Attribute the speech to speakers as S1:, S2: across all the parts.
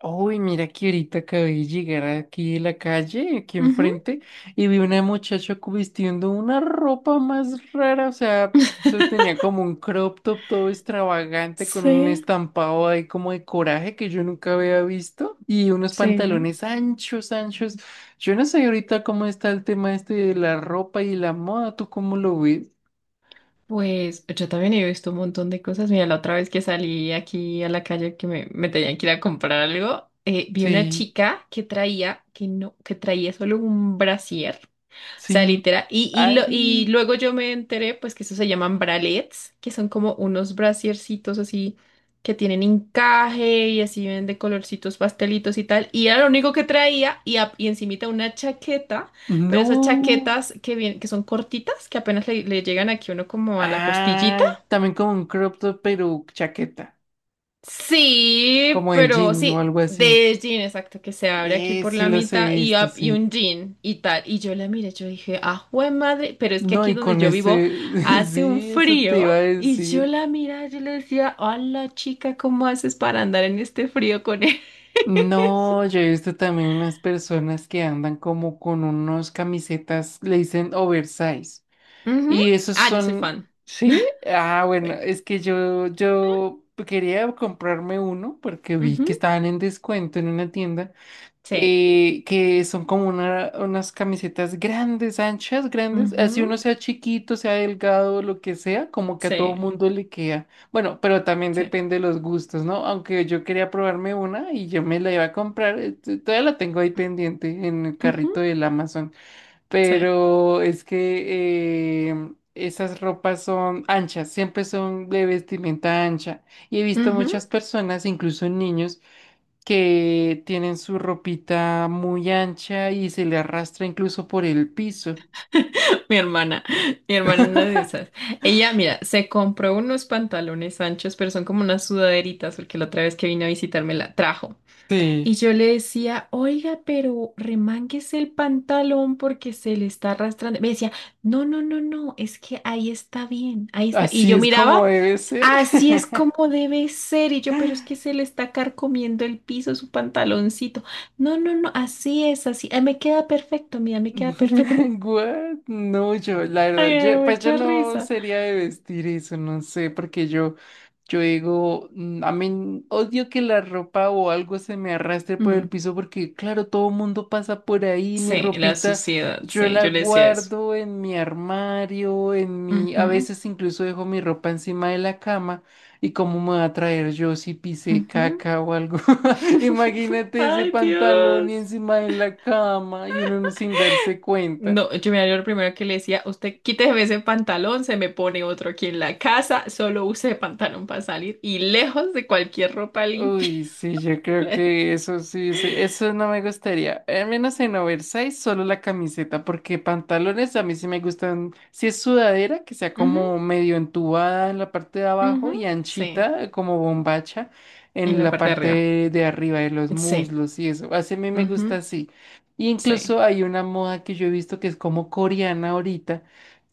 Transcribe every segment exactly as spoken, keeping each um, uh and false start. S1: Uy, mira que ahorita acabé de llegar aquí de la calle, aquí
S2: Ujú.
S1: enfrente, y vi una muchacha cu- vistiendo una ropa más rara, o sea, eso tenía como un crop top todo extravagante con un
S2: Sí,
S1: estampado ahí como de coraje que yo nunca había visto y unos
S2: sí.
S1: pantalones anchos, anchos. Yo no sé ahorita cómo está el tema este de la ropa y la moda, ¿tú cómo lo ves?
S2: Pues yo también he visto un montón de cosas. Mira, la otra vez que salí aquí a la calle que me, me tenían que ir a comprar algo, eh, vi una
S1: Sí,
S2: chica que traía, que no, que traía solo un brasier. Sea,
S1: sí.
S2: literal. Y, y, lo- y
S1: Ay,
S2: luego yo me enteré, pues, que eso se llaman bralets, que son como unos brasiercitos así que tienen encaje y así ven de colorcitos pastelitos y tal. Y era lo único que traía y, a- y encimita una chaqueta, pero esas
S1: no.
S2: chaquetas que, vien- que son cortitas, que apenas le, le llegan aquí a uno como a la costillita.
S1: Ah, también como un crop top, pero chaqueta,
S2: Sí,
S1: como de
S2: pero
S1: jean o
S2: sí,
S1: algo así.
S2: de jean, exacto, que se abre aquí
S1: Eh,
S2: por
S1: sí
S2: la
S1: los he
S2: mitad y,
S1: visto,
S2: up- y
S1: sí.
S2: un jean y tal. Y yo la miré, yo dije, ah, jue madre, pero es que
S1: No,
S2: aquí
S1: y
S2: donde
S1: con
S2: yo vivo
S1: ese,
S2: hace un
S1: sí, eso te
S2: frío.
S1: iba a
S2: Y yo
S1: decir.
S2: la miraba, yo le decía, hola chica, ¿cómo haces para andar en este frío con él?
S1: No, yo he visto también unas personas que andan como con unos camisetas, le dicen oversize.
S2: Ujú.
S1: Y esos
S2: Ah, yo soy
S1: son,
S2: fan.
S1: ¿sí? Ah, bueno,
S2: Sí.
S1: es que yo, yo quería comprarme uno porque vi
S2: Ujú,
S1: que estaban en descuento en una tienda.
S2: sí,
S1: eh, que son como una- unas camisetas grandes, anchas, grandes,
S2: ujú,
S1: así uno sea chiquito, sea delgado, lo que sea, como que a todo
S2: sí,
S1: mundo le queda. Bueno, pero también
S2: sí,
S1: depende de los gustos, ¿no? Aunque yo quería probarme una y yo me la iba a comprar, eh, t- todavía la tengo ahí pendiente en el
S2: ujú,
S1: carrito del Amazon,
S2: sí,
S1: pero es que... eh, esas ropas son anchas, siempre son de vestimenta ancha. Y he visto
S2: ujú.
S1: muchas personas, incluso niños, que tienen su ropita muy ancha y se le arrastra incluso por el piso.
S2: Mi hermana, mi hermana una de esas. Ella, mira, se compró unos pantalones anchos, pero son como unas sudaderitas, porque la otra vez que vino a visitarme la trajo. Y
S1: Sí.
S2: yo le decía, oiga, pero remánguese el pantalón porque se le está arrastrando. Me decía, no, no, no, no, es que ahí está bien, ahí está. Y
S1: Así
S2: yo
S1: es como
S2: miraba,
S1: debe ser.
S2: así es como debe ser. Y yo, pero es que se le está carcomiendo el piso, su pantaloncito. No, no, no, así es, así. Ah, me queda perfecto, mira, me queda perfecto.
S1: What? No, yo, la
S2: Ay,
S1: verdad,
S2: me dio
S1: yo, pues yo
S2: mucha
S1: no
S2: risa.
S1: sería de vestir eso, no sé, porque yo, yo digo, mm, a mí odio que la ropa o algo se me arrastre por el
S2: Mm,
S1: piso, porque claro, todo mundo pasa por ahí, mi
S2: sí, la
S1: ropita,
S2: suciedad,
S1: yo
S2: sí,
S1: la
S2: yo le decía eso.
S1: guardo en mi armario, en mi, a
S2: Ujú,
S1: veces incluso dejo mi ropa encima de la cama, y cómo me va a traer yo si pisé
S2: ujú.
S1: caca o algo. Imagínate ese
S2: Ay,
S1: pantalón y
S2: Dios.
S1: encima de la cama y uno no sin darse cuenta.
S2: No, yo me acuerdo lo primero que le decía, usted quítese ese pantalón, se me pone otro aquí en la casa, solo use pantalón para salir y lejos de cualquier ropa limpia.
S1: Uy, sí, yo creo que eso sí, sí, eso no me gustaría. Al menos en oversize, solo la camiseta, porque pantalones a mí sí me gustan. Si es sudadera, que sea
S2: Ujú,
S1: como medio entubada en la parte de abajo y
S2: ujú. Sí,
S1: anchita, como bombacha,
S2: en
S1: en
S2: la
S1: la
S2: parte de arriba.
S1: parte de arriba de los
S2: Sí,
S1: muslos y eso. Así a mí me gusta
S2: ujú,
S1: así. Y
S2: sí,
S1: incluso hay una moda que yo he visto que es como coreana ahorita,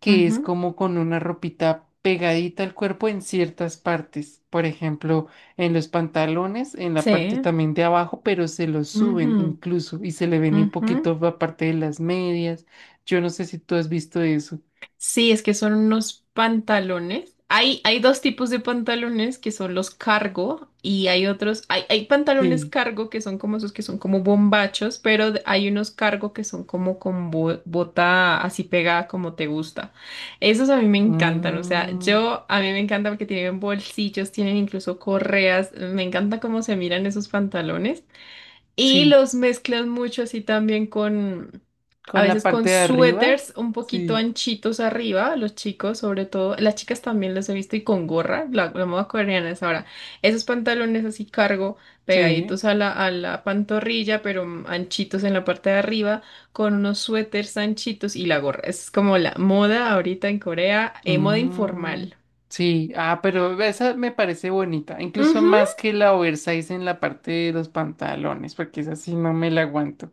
S1: que es
S2: ujú,
S1: como con una ropita pegadita al cuerpo en ciertas partes. Por ejemplo en los pantalones, en la parte
S2: sí,
S1: también de abajo, pero se los suben
S2: ujú,
S1: incluso y se le ven un
S2: ujú.
S1: poquito la parte de las medias. Yo no sé si tú has visto eso.
S2: Sí, es que son unos pantalones. Hay, hay dos tipos de pantalones que son los cargo y hay otros, hay, hay pantalones
S1: Sí.
S2: cargo que son como esos que son como bombachos, pero de- hay unos cargo que son como con bo- bota así pegada como te gusta. Esos a mí me encantan, o sea,
S1: Mm,
S2: yo a mí me encanta porque tienen bolsillos, tienen incluso correas, me encanta cómo se miran esos pantalones. Y
S1: sí.
S2: los mezclan mucho así también con, a
S1: Con la
S2: veces con
S1: parte de arriba.
S2: suéteres un poquito
S1: Sí.
S2: anchitos arriba, los chicos sobre todo, las chicas también los he visto y con gorra, la, la moda coreana es ahora, esos pantalones así cargo
S1: Sí.
S2: pegaditos a la, a la pantorrilla, pero mm, anchitos en la parte de arriba, con unos suéteres anchitos y la gorra. Es como la moda ahorita en Corea, eh, moda
S1: Mm,
S2: informal.
S1: sí, ah, pero esa me parece bonita, incluso
S2: Ujú,
S1: más que la oversize en la parte de los pantalones, porque esa sí no me la aguanto.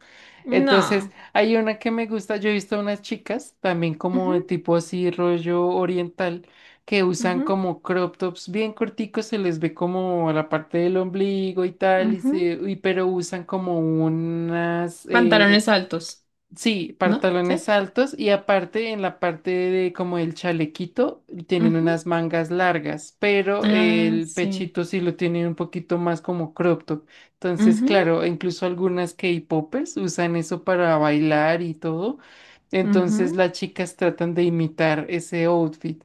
S1: Entonces,
S2: no.
S1: hay una que me gusta, yo he visto a unas chicas también como
S2: Ujú,
S1: de tipo así rollo oriental que usan
S2: ujú,
S1: como crop tops bien corticos, se les ve como la parte del ombligo y tal, y se,
S2: ujú.
S1: y- pero usan como unas, eh,
S2: Pantalones altos,
S1: sí,
S2: ¿no? Sí.
S1: pantalones altos y aparte en la parte de como el chalequito tienen
S2: Ujú.
S1: unas mangas largas, pero
S2: Ah,
S1: el
S2: sí.
S1: pechito sí lo tienen un poquito más como crop top. Entonces,
S2: Ujú,
S1: claro, incluso algunas K-popers usan eso para bailar y todo. Entonces
S2: ujú.
S1: las chicas tratan de imitar ese outfit.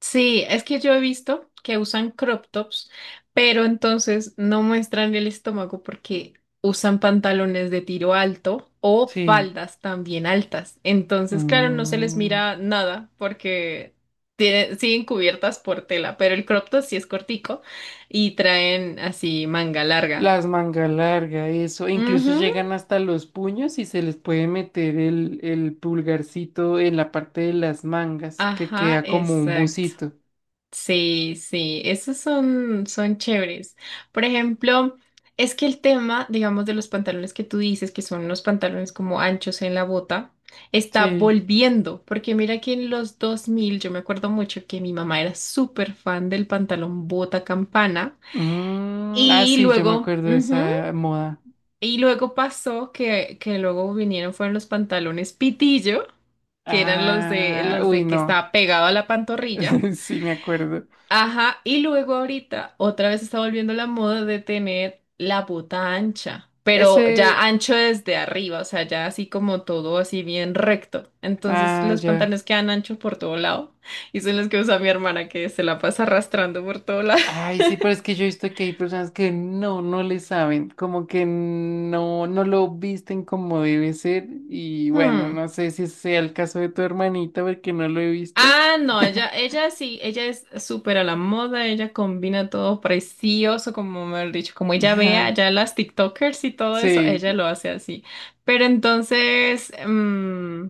S2: Sí, es que yo he visto que usan crop tops, pero entonces no muestran el estómago porque usan pantalones de tiro alto o
S1: Sí.
S2: faldas también altas. Entonces, claro, no se les
S1: Mm.
S2: mira nada porque tiene- siguen cubiertas por tela, pero el crop top sí es cortico y traen así manga larga.
S1: Las manga larga, eso. Incluso
S2: Ujú,
S1: llegan hasta los puños y se les puede meter el, el pulgarcito en la parte de las mangas, que
S2: ajá,
S1: queda como un
S2: exacto.
S1: bucito.
S2: Sí, sí, esos son, son chéveres. Por ejemplo, es que el tema, digamos, de los pantalones que tú dices, que son unos pantalones como anchos en la bota, está
S1: Sí.
S2: volviendo, porque mira que en los dos mil yo me acuerdo mucho que mi mamá era súper fan del pantalón bota campana
S1: Mm, ah,
S2: y
S1: sí, yo me
S2: luego,
S1: acuerdo de
S2: ujú,
S1: esa moda.
S2: y luego pasó que, que luego vinieron, fueron los pantalones pitillo, que eran los de,
S1: Ah,
S2: los
S1: uy,
S2: de que
S1: no.
S2: estaba pegado a la pantorrilla.
S1: Sí, me acuerdo.
S2: Ajá, y luego ahorita otra vez está volviendo la moda de tener la bota ancha, pero ya
S1: Ese.
S2: ancho desde arriba, o sea, ya así como todo así bien recto. Entonces
S1: Ah,
S2: los
S1: ya.
S2: pantalones quedan anchos por todo lado y son los que usa mi hermana que se la pasa arrastrando por todo lado.
S1: Ay, sí, pero es que yo he visto que hay personas que no, no le saben, como que no, no lo visten como debe ser. Y bueno,
S2: Hmm.
S1: no sé si sea el caso de tu hermanita, porque no lo he visto.
S2: Ah, no, ella, ella sí, ella es súper a la moda, ella combina todo precioso, como me han dicho, como ella vea ya las TikTokers y todo eso,
S1: Sí.
S2: ella lo hace así. Pero entonces, mm,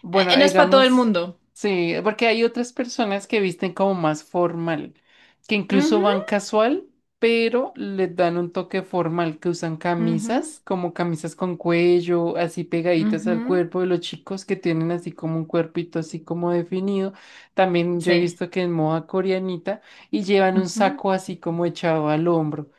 S1: Bueno,
S2: eh, no es para todo el
S1: digamos,
S2: mundo.
S1: sí, porque hay otras personas que visten como más formal, que incluso
S2: Ujú,
S1: van casual, pero les dan un toque formal, que usan
S2: ujú,
S1: camisas, como camisas con cuello, así pegaditas al
S2: ujú,
S1: cuerpo de los chicos que tienen así como un cuerpito así como definido. También yo he
S2: sí,
S1: visto que en moda coreanita y llevan un
S2: ujú,
S1: saco así como echado al hombro.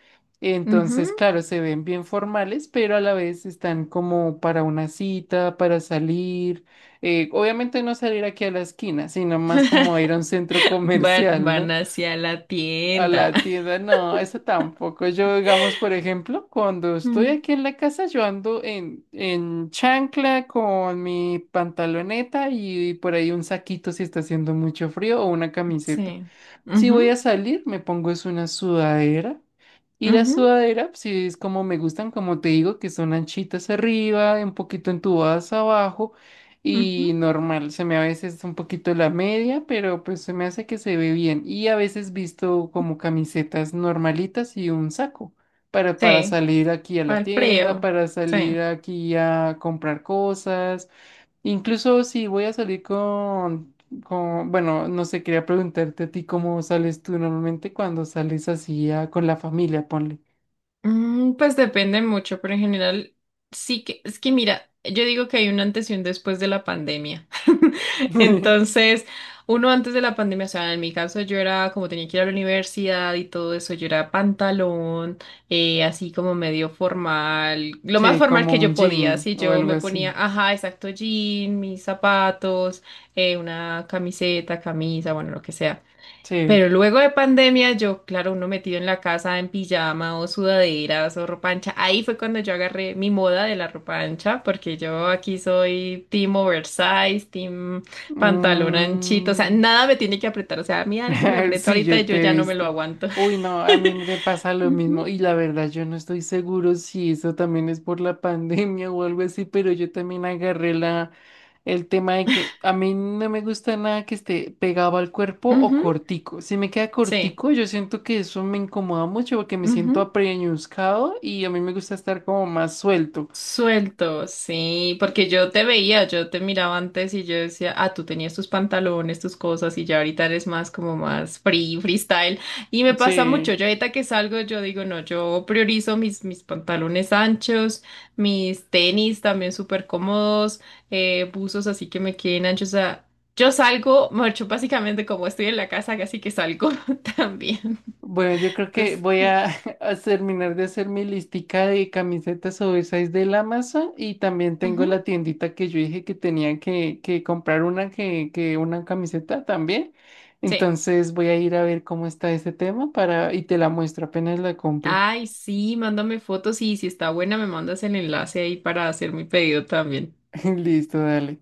S1: Entonces,
S2: ujú.
S1: claro, se ven bien formales, pero a la vez están como para una cita, para salir. Eh, obviamente no salir aquí a la esquina, sino más como ir a un centro
S2: Van,
S1: comercial,
S2: van
S1: ¿no?
S2: hacia la
S1: A
S2: tienda.
S1: la tienda, no, eso tampoco. Yo, digamos, por ejemplo, cuando estoy
S2: Mm,
S1: aquí en la casa, yo ando en, en chancla con mi pantaloneta y por ahí un saquito si está haciendo mucho frío o una camiseta.
S2: sí.
S1: Si voy a
S2: Ujú,
S1: salir, me pongo es una sudadera. Y la
S2: ujú,
S1: sudadera, si es como me gustan, como te digo, que son anchitas arriba, un poquito entubadas abajo. Y
S2: ujú.
S1: normal, se me a veces un poquito la media, pero pues se me hace que se ve bien. Y a veces visto como camisetas normalitas y un saco para, para
S2: Sí.
S1: salir aquí a
S2: Para
S1: la
S2: el
S1: tienda,
S2: frío.
S1: para
S2: Sí.
S1: salir aquí a comprar cosas. Incluso si voy a salir con, con, bueno, no sé, quería preguntarte a ti cómo sales tú normalmente cuando sales así a- con la familia, ponle.
S2: Mm, pues depende mucho, pero en general sí que es que mira, yo digo que hay un antes y un después de la pandemia. Entonces, uno antes de la pandemia, o sea, en mi caso yo era como tenía que ir a la universidad y todo eso, yo era pantalón, eh, así como medio formal, lo más
S1: Sí,
S2: formal que
S1: como un
S2: yo podía,
S1: jean
S2: así
S1: o
S2: yo
S1: algo
S2: me ponía,
S1: así.
S2: ajá, exacto, jean, mis zapatos, eh, una camiseta, camisa, bueno, lo que sea.
S1: Sí.
S2: Pero luego de pandemia, yo, claro, uno metido en la casa en pijama o sudaderas o ropa ancha, ahí fue cuando yo agarré mi moda de la ropa ancha, porque yo aquí soy team oversize, team pantalón anchito, o sea,
S1: Mm.
S2: nada me tiene que apretar, o sea, a mí algo me aprieta
S1: Sí,
S2: ahorita y
S1: yo
S2: yo
S1: te he
S2: ya no me lo
S1: visto.
S2: aguanto.
S1: Uy, no, a mí me pasa lo mismo
S2: Ujú,
S1: y la verdad yo no estoy seguro si eso también es por la pandemia o algo así, pero yo también agarré la el tema de que a mí no me gusta nada que esté pegado al cuerpo o
S2: ujú,
S1: cortico. Si me queda
S2: sí.
S1: cortico, yo siento que eso me incomoda mucho porque me siento apreñuscado y a mí me gusta estar como más suelto.
S2: Suelto, sí, porque yo te veía, yo te miraba antes y yo decía, ah, tú tenías tus pantalones, tus cosas y ya ahorita eres más como más free, freestyle. Y me pasa mucho,
S1: Sí.
S2: yo ahorita que salgo, yo digo, no, yo priorizo mis, mis pantalones anchos, mis tenis también súper cómodos, eh, buzos así que me queden anchos. O sea, yo salgo, mucho básicamente como estoy en la casa, así que salgo también.
S1: Bueno, yo creo que
S2: Entonces,
S1: voy
S2: mm,
S1: a, a terminar de hacer mi listica de camisetas oversize del Amazon y también tengo la
S2: ujú,
S1: tiendita que yo dije que tenía que, que comprar una que, que una camiseta también.
S2: sí.
S1: Entonces voy a ir a ver cómo está ese tema para y te la muestro apenas la compre.
S2: Ay, sí, mándame fotos y si está buena me mandas el enlace ahí para hacer mi pedido también.
S1: Listo, dale.